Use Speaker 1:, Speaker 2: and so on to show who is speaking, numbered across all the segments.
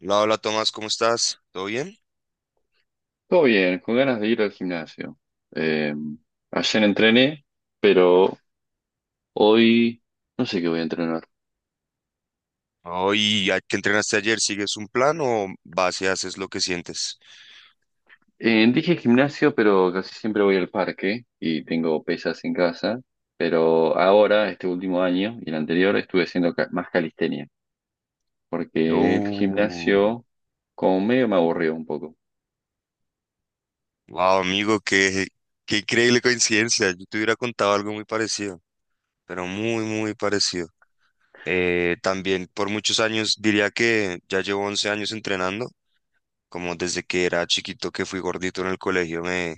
Speaker 1: Hola, hola Tomás, ¿cómo estás? ¿Todo bien?
Speaker 2: Todo bien, con ganas de ir al gimnasio. Eh, Ayer entrené, pero hoy no sé qué voy a entrenar.
Speaker 1: Hoy, ¿qué entrenaste ayer? ¿Sigues un plan o vas y haces lo que sientes?
Speaker 2: Dije gimnasio, pero casi siempre voy al parque y tengo pesas en casa. Pero ahora, este último año y el anterior, estuve haciendo más calistenia, porque el
Speaker 1: Uh,
Speaker 2: gimnasio como medio me aburrió un poco.
Speaker 1: wow, amigo, qué increíble coincidencia. Yo te hubiera contado algo muy parecido, pero muy, muy parecido. También por muchos años, diría que ya llevo 11 años entrenando, como desde que era chiquito que fui gordito en el colegio, me,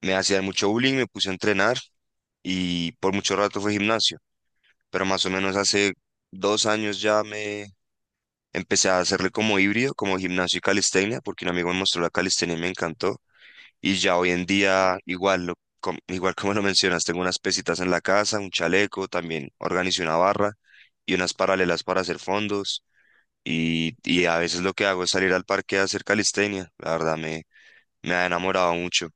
Speaker 1: me hacían mucho bullying, me puse a entrenar y por mucho rato fue gimnasio, pero más o menos hace 2 años ya me Empecé a hacerle como híbrido, como gimnasio y calistenia, porque un amigo me mostró la calistenia y me encantó. Y ya hoy en día, igual, igual como lo mencionas, tengo unas pesitas en la casa, un chaleco, también organicé una barra y unas paralelas para hacer fondos. Y, y, a veces lo que hago es salir al parque a hacer calistenia. La verdad, me ha enamorado mucho.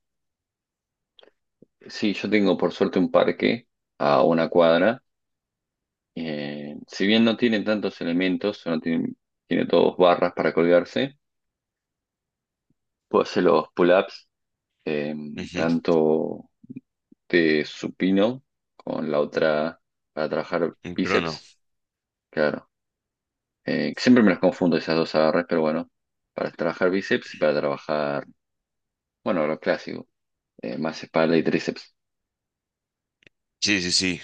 Speaker 2: Sí, yo tengo por suerte un parque a una cuadra. Si bien no tiene tantos elementos, no tiene, tiene todos barras para colgarse. Puedo hacer los pull-ups, eh,
Speaker 1: Ujú.
Speaker 2: tanto de supino con la otra para trabajar
Speaker 1: Mm. Pero no.
Speaker 2: bíceps, claro. Siempre me las confundo esas dos agarres, pero bueno, para trabajar bíceps y para trabajar, bueno, lo clásico, más espalda y tríceps.
Speaker 1: Sí, sí, sí.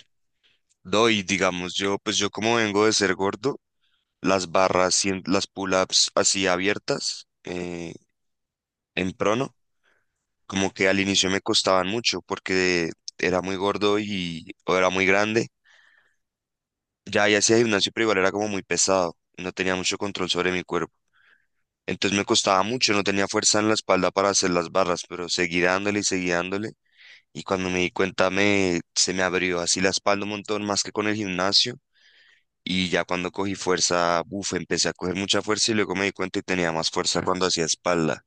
Speaker 1: No, y digamos, pues yo como vengo de ser gordo, las barras, las pull-ups así abiertas, en prono, como que al inicio me costaban mucho porque era muy gordo y o era muy grande. Ya, ya hacía gimnasio, pero igual era como muy pesado. No tenía mucho control sobre mi cuerpo. Entonces me costaba mucho, no tenía fuerza en la espalda para hacer las barras, pero seguí dándole. Y cuando me di cuenta, se me abrió así la espalda un montón más que con el gimnasio. Y ya cuando cogí fuerza, buf, empecé a coger mucha fuerza y luego me di cuenta y tenía más fuerza cuando hacía espalda.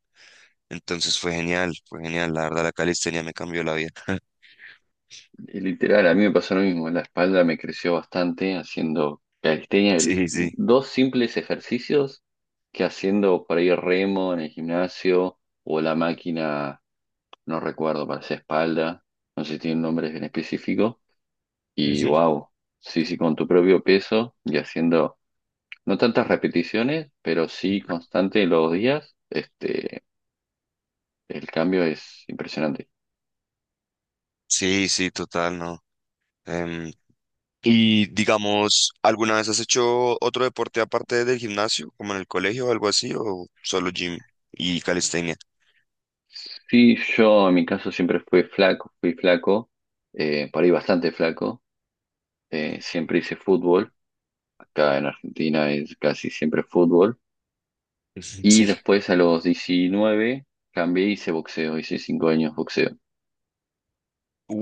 Speaker 1: Entonces fue genial, fue genial. La verdad, la calistenia me cambió la vida.
Speaker 2: Y literal, a mí me pasó lo mismo, la espalda me creció bastante haciendo calistenia,
Speaker 1: Sí, sí.
Speaker 2: dos simples ejercicios que haciendo por ahí remo en el gimnasio o la máquina no recuerdo, parecía espalda, no sé si tiene un nombre en específico. Y
Speaker 1: Ujú.
Speaker 2: wow, sí, sí, con tu propio peso y haciendo no tantas repeticiones, pero sí constante los días, el cambio es impresionante.
Speaker 1: Sí, sí, total, no. Em, y digamos, ¿alguna vez has hecho otro deporte aparte del gimnasio, como en el colegio o algo así, o solo gym y calistenia?
Speaker 2: Sí, yo en mi caso siempre fui flaco, por ahí bastante flaco, siempre hice fútbol, acá en Argentina es casi siempre fútbol, y
Speaker 1: Sí.
Speaker 2: después a los 19 cambié, y hice boxeo, hice 5 años boxeo,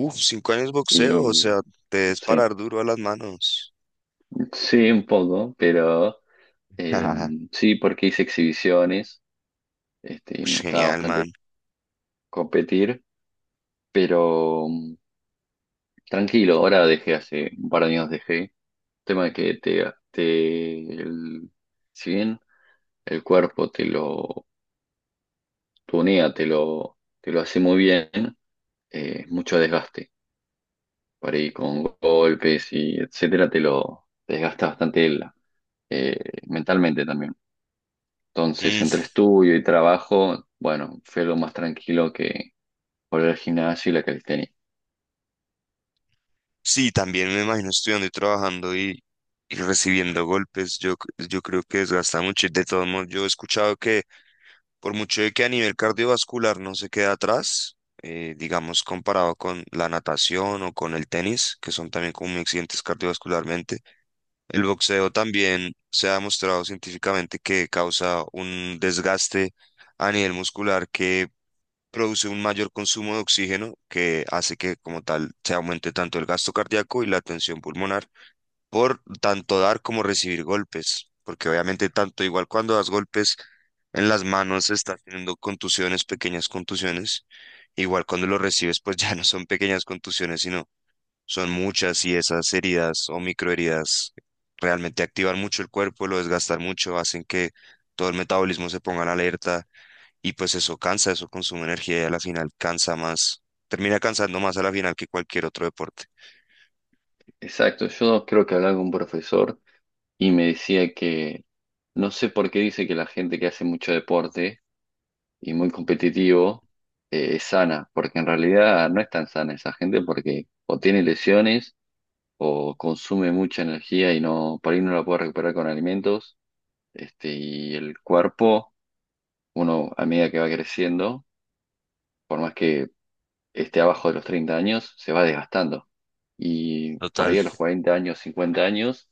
Speaker 1: Uf, 5 años boxeo, o
Speaker 2: y
Speaker 1: sea, te debes
Speaker 2: sí.
Speaker 1: parar duro a las manos.
Speaker 2: Sí, un poco, pero eh, sí, porque hice exhibiciones, y me
Speaker 1: Ush,
Speaker 2: gustaba
Speaker 1: genial,
Speaker 2: bastante
Speaker 1: man.
Speaker 2: competir, pero tranquilo, ahora dejé hace un par de años dejé. Tema de que te el- si bien el cuerpo te lo tunea, te lo hace muy bien, mucho desgaste. Por ahí con golpes y etcétera, te lo desgasta bastante eh, mentalmente también. Entonces,
Speaker 1: Mm,
Speaker 2: entre estudio y trabajo, bueno, fue lo más tranquilo que volver al gimnasio y la calistenia.
Speaker 1: sí, también me imagino estudiando y trabajando y recibiendo golpes. Yo creo que desgasta mucho, y de todos modos, yo he escuchado que por mucho de que a nivel cardiovascular no se queda atrás, digamos comparado con la natación o con el tenis, que son también como muy exigentes cardiovascularmente, el boxeo también se ha demostrado científicamente que causa un desgaste a nivel muscular que produce un mayor consumo de oxígeno que hace que como tal se aumente tanto el gasto cardíaco y la tensión pulmonar por tanto dar como recibir golpes, porque obviamente tanto igual cuando das golpes en las manos estás teniendo contusiones, pequeñas contusiones, igual cuando lo recibes pues ya no son pequeñas contusiones, sino son muchas, y esas heridas o microheridas realmente activan mucho el cuerpo, lo desgastan mucho, hacen que todo el metabolismo se ponga en alerta y pues eso cansa, eso consume energía y a la final cansa más, termina cansando más a la final que cualquier otro deporte.
Speaker 2: Exacto, yo creo que hablaba con un profesor y me decía que no sé por qué dice que la gente que hace mucho deporte y muy competitivo es sana, porque en realidad no es tan sana esa gente porque o tiene lesiones o consume mucha energía y no, por ahí no la puede recuperar con alimentos, y el cuerpo, uno a medida que va creciendo, por más que esté abajo de los 30 años, se va desgastando. Y por
Speaker 1: Total,
Speaker 2: ahí a los 40 años, 50 años,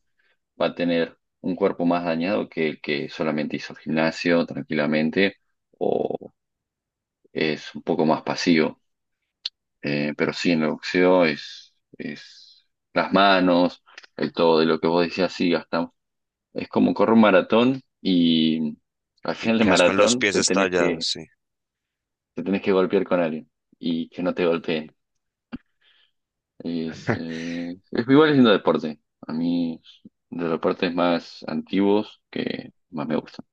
Speaker 2: va a tener un cuerpo más dañado que el que solamente hizo gimnasio tranquilamente o es un poco más pasivo. Pero sí, en el boxeo es las manos, el todo de lo que vos decías, sí, gastamos. Es como correr un maratón y al
Speaker 1: y
Speaker 2: final del
Speaker 1: quedas con los
Speaker 2: maratón
Speaker 1: pies estallados, sí.
Speaker 2: te tenés que golpear con alguien y que no te golpeen. Es igual haciendo deporte. A mí de los deportes más antiguos que más me gustan.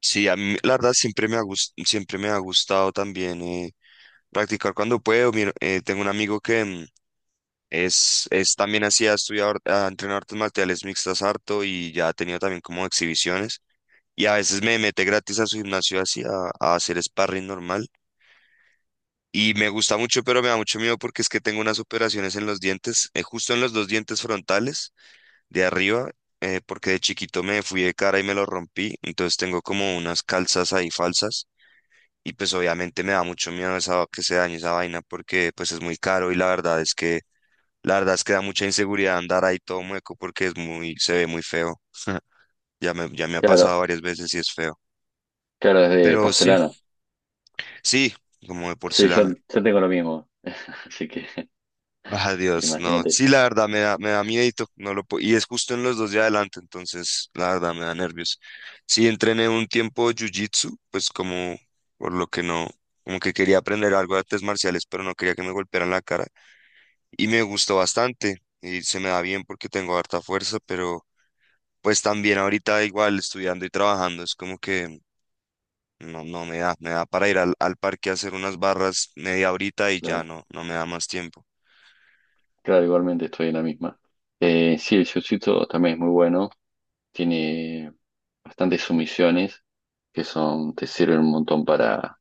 Speaker 1: Sí, a mí la verdad siempre me ha gustado también practicar cuando puedo. Mira, tengo un amigo que es también así, ha entrenado artes marciales mixtas harto y ya ha tenido también como exhibiciones. Y a veces me mete gratis a su gimnasio así a hacer sparring normal. Y me gusta mucho, pero me da mucho miedo porque es que tengo unas operaciones en los dientes, justo en los dos dientes frontales de arriba, porque de chiquito me fui de cara y me lo rompí. Entonces tengo como unas calzas ahí falsas. Y pues obviamente me da mucho miedo esa, que se dañe esa vaina porque pues es muy caro, y la verdad es que da mucha inseguridad andar ahí todo mueco porque es muy, se ve muy feo. Ya me ha pasado
Speaker 2: Claro,
Speaker 1: varias veces y es feo.
Speaker 2: claro, es de
Speaker 1: Pero sí,
Speaker 2: porcelana.
Speaker 1: sí, como de
Speaker 2: Sí,
Speaker 1: porcelana.
Speaker 2: yo tengo lo mismo. Así que
Speaker 1: Ah, dios no.
Speaker 2: imagínate.
Speaker 1: Sí, la verdad me da miedito. No lo puedo, y es justo en los dos de adelante, entonces la verdad me da nervios. Sí, entrené un tiempo jiu-jitsu, pues como por lo que no, como que quería aprender algo de artes marciales, pero no quería que me golpearan la cara. Y me gustó bastante y se me da bien porque tengo harta fuerza, pero pues también ahorita igual estudiando y trabajando es como que no, no me da, me da para ir al parque a hacer unas barras media horita y ya
Speaker 2: Claro,
Speaker 1: no, no me da más tiempo.
Speaker 2: claro, igualmente estoy en la misma. Sí, el jiu-jitsu también es muy bueno. Tiene bastantes sumisiones que son, te sirven un montón para,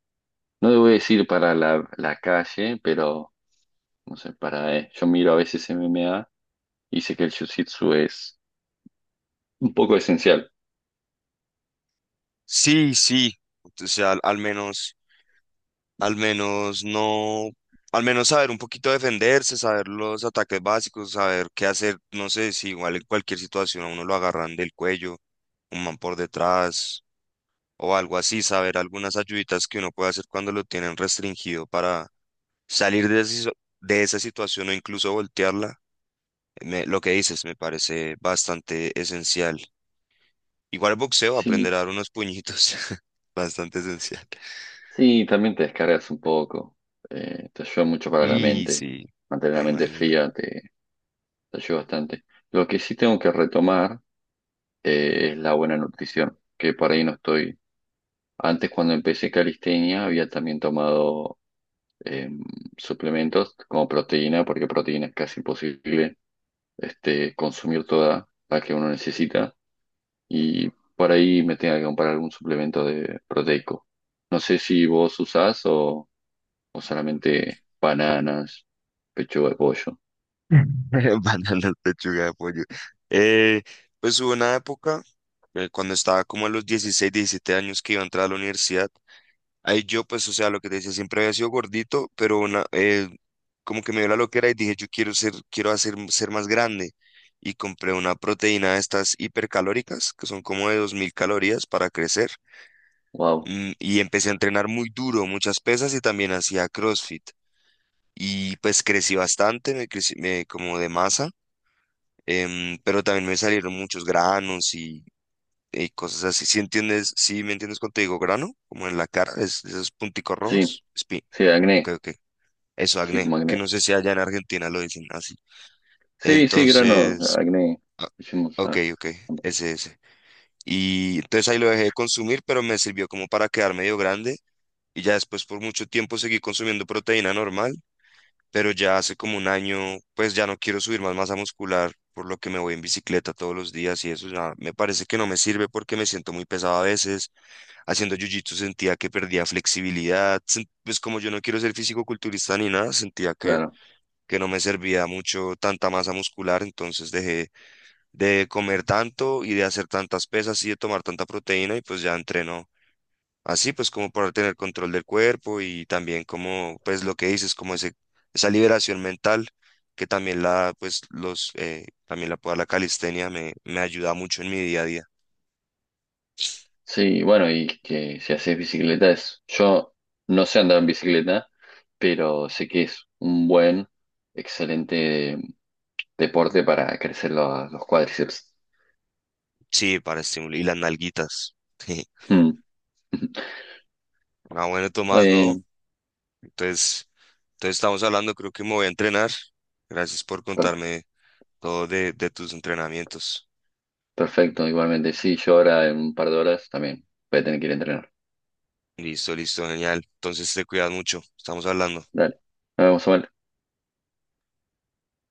Speaker 2: no debo decir para la calle, pero no sé, para, yo miro a veces MMA y sé que el jiu-jitsu es un poco esencial.
Speaker 1: Sí, sí, o sea, al, al menos no, al menos saber un poquito defenderse, saber los ataques básicos, saber qué hacer, no sé, si igual en cualquier situación a uno lo agarran del cuello, un man por detrás, o algo así, saber algunas ayuditas que uno puede hacer cuando lo tienen restringido para salir de, de esa situación o incluso voltearla. Lo que dices me parece bastante esencial. Igual boxeo, aprender
Speaker 2: Sí,
Speaker 1: a dar unos puñitos, bastante esencial.
Speaker 2: sí, también te descargas un poco. Te ayuda mucho para la
Speaker 1: Y
Speaker 2: mente.
Speaker 1: sí,
Speaker 2: Mantener la
Speaker 1: me
Speaker 2: mente
Speaker 1: imagino.
Speaker 2: fría te ayuda bastante. Lo que sí tengo que retomar es la buena nutrición, que por ahí no estoy. Antes, cuando empecé calistenia, había también tomado eh, suplementos como proteína, porque proteína es casi imposible consumir toda la que uno necesita. Y por ahí me tenga que comprar algún suplemento de proteico. No sé si vos usás o solamente bananas, pechuga de pollo.
Speaker 1: Van pechuga de pollo. Eh, pues hubo una época, cuando estaba como a los 16, 17 años que iba a entrar a la universidad. Ahí yo, pues, o sea, lo que te decía, siempre había sido gordito, pero como que me dio la loquera y dije, yo quiero ser, quiero hacer, ser más grande. Y compré una proteína de estas hipercalóricas, que son como de 2000 calorías para crecer.
Speaker 2: Wow.
Speaker 1: Y empecé a entrenar muy duro, muchas pesas y también hacía CrossFit. Y pues crecí bastante, como de masa, pero también me salieron muchos granos y cosas así. Si entiendes, si me entiendes cuando te digo grano, como en la cara, esos punticos
Speaker 2: Sí,
Speaker 1: rojos, spin.
Speaker 2: sí,
Speaker 1: Ok,
Speaker 2: acné.
Speaker 1: ok. Eso,
Speaker 2: Sí,
Speaker 1: acné,
Speaker 2: como
Speaker 1: que
Speaker 2: acné.
Speaker 1: no sé si allá en Argentina lo dicen así.
Speaker 2: Sí, sí, granos,
Speaker 1: Entonces,
Speaker 2: acné. Hicimos,
Speaker 1: ok,
Speaker 2: ah,
Speaker 1: ok, ese, ese. Y entonces ahí lo dejé de consumir, pero me sirvió como para quedar medio grande. Y ya después por mucho tiempo seguí consumiendo proteína normal, pero ya hace como un año, pues ya no quiero subir más masa muscular, por lo que me voy en bicicleta todos los días y eso ya me parece que no me sirve porque me siento muy pesado a veces haciendo jiu-jitsu, sentía que perdía flexibilidad. Pues como yo no quiero ser físico culturista ni nada, sentía que,
Speaker 2: claro.
Speaker 1: que no me servía mucho tanta masa muscular, entonces dejé de comer tanto y de hacer tantas pesas y de tomar tanta proteína y pues ya entreno así, pues como para tener control del cuerpo y también como pues lo que dices, como ese, esa liberación mental que también la pues los también la puedo la calistenia me ayuda mucho en mi día a día.
Speaker 2: Sí, bueno, y que si haces bicicleta es... Yo no sé andar en bicicleta, pero sé que es un buen, excelente deporte para crecer los cuádriceps.
Speaker 1: Sí, para estimular y las nalguitas. Ah, bueno, Tomás, ¿no?
Speaker 2: Eh,
Speaker 1: Entonces, estamos hablando, creo que me voy a entrenar. Gracias por
Speaker 2: per-
Speaker 1: contarme todo de tus entrenamientos.
Speaker 2: Perfecto, igualmente. Sí, yo ahora en un par de horas también voy a tener que ir a entrenar.
Speaker 1: Listo, listo, genial. Entonces te cuidas mucho. Estamos hablando.
Speaker 2: Dale. Nos vemos, Samuel.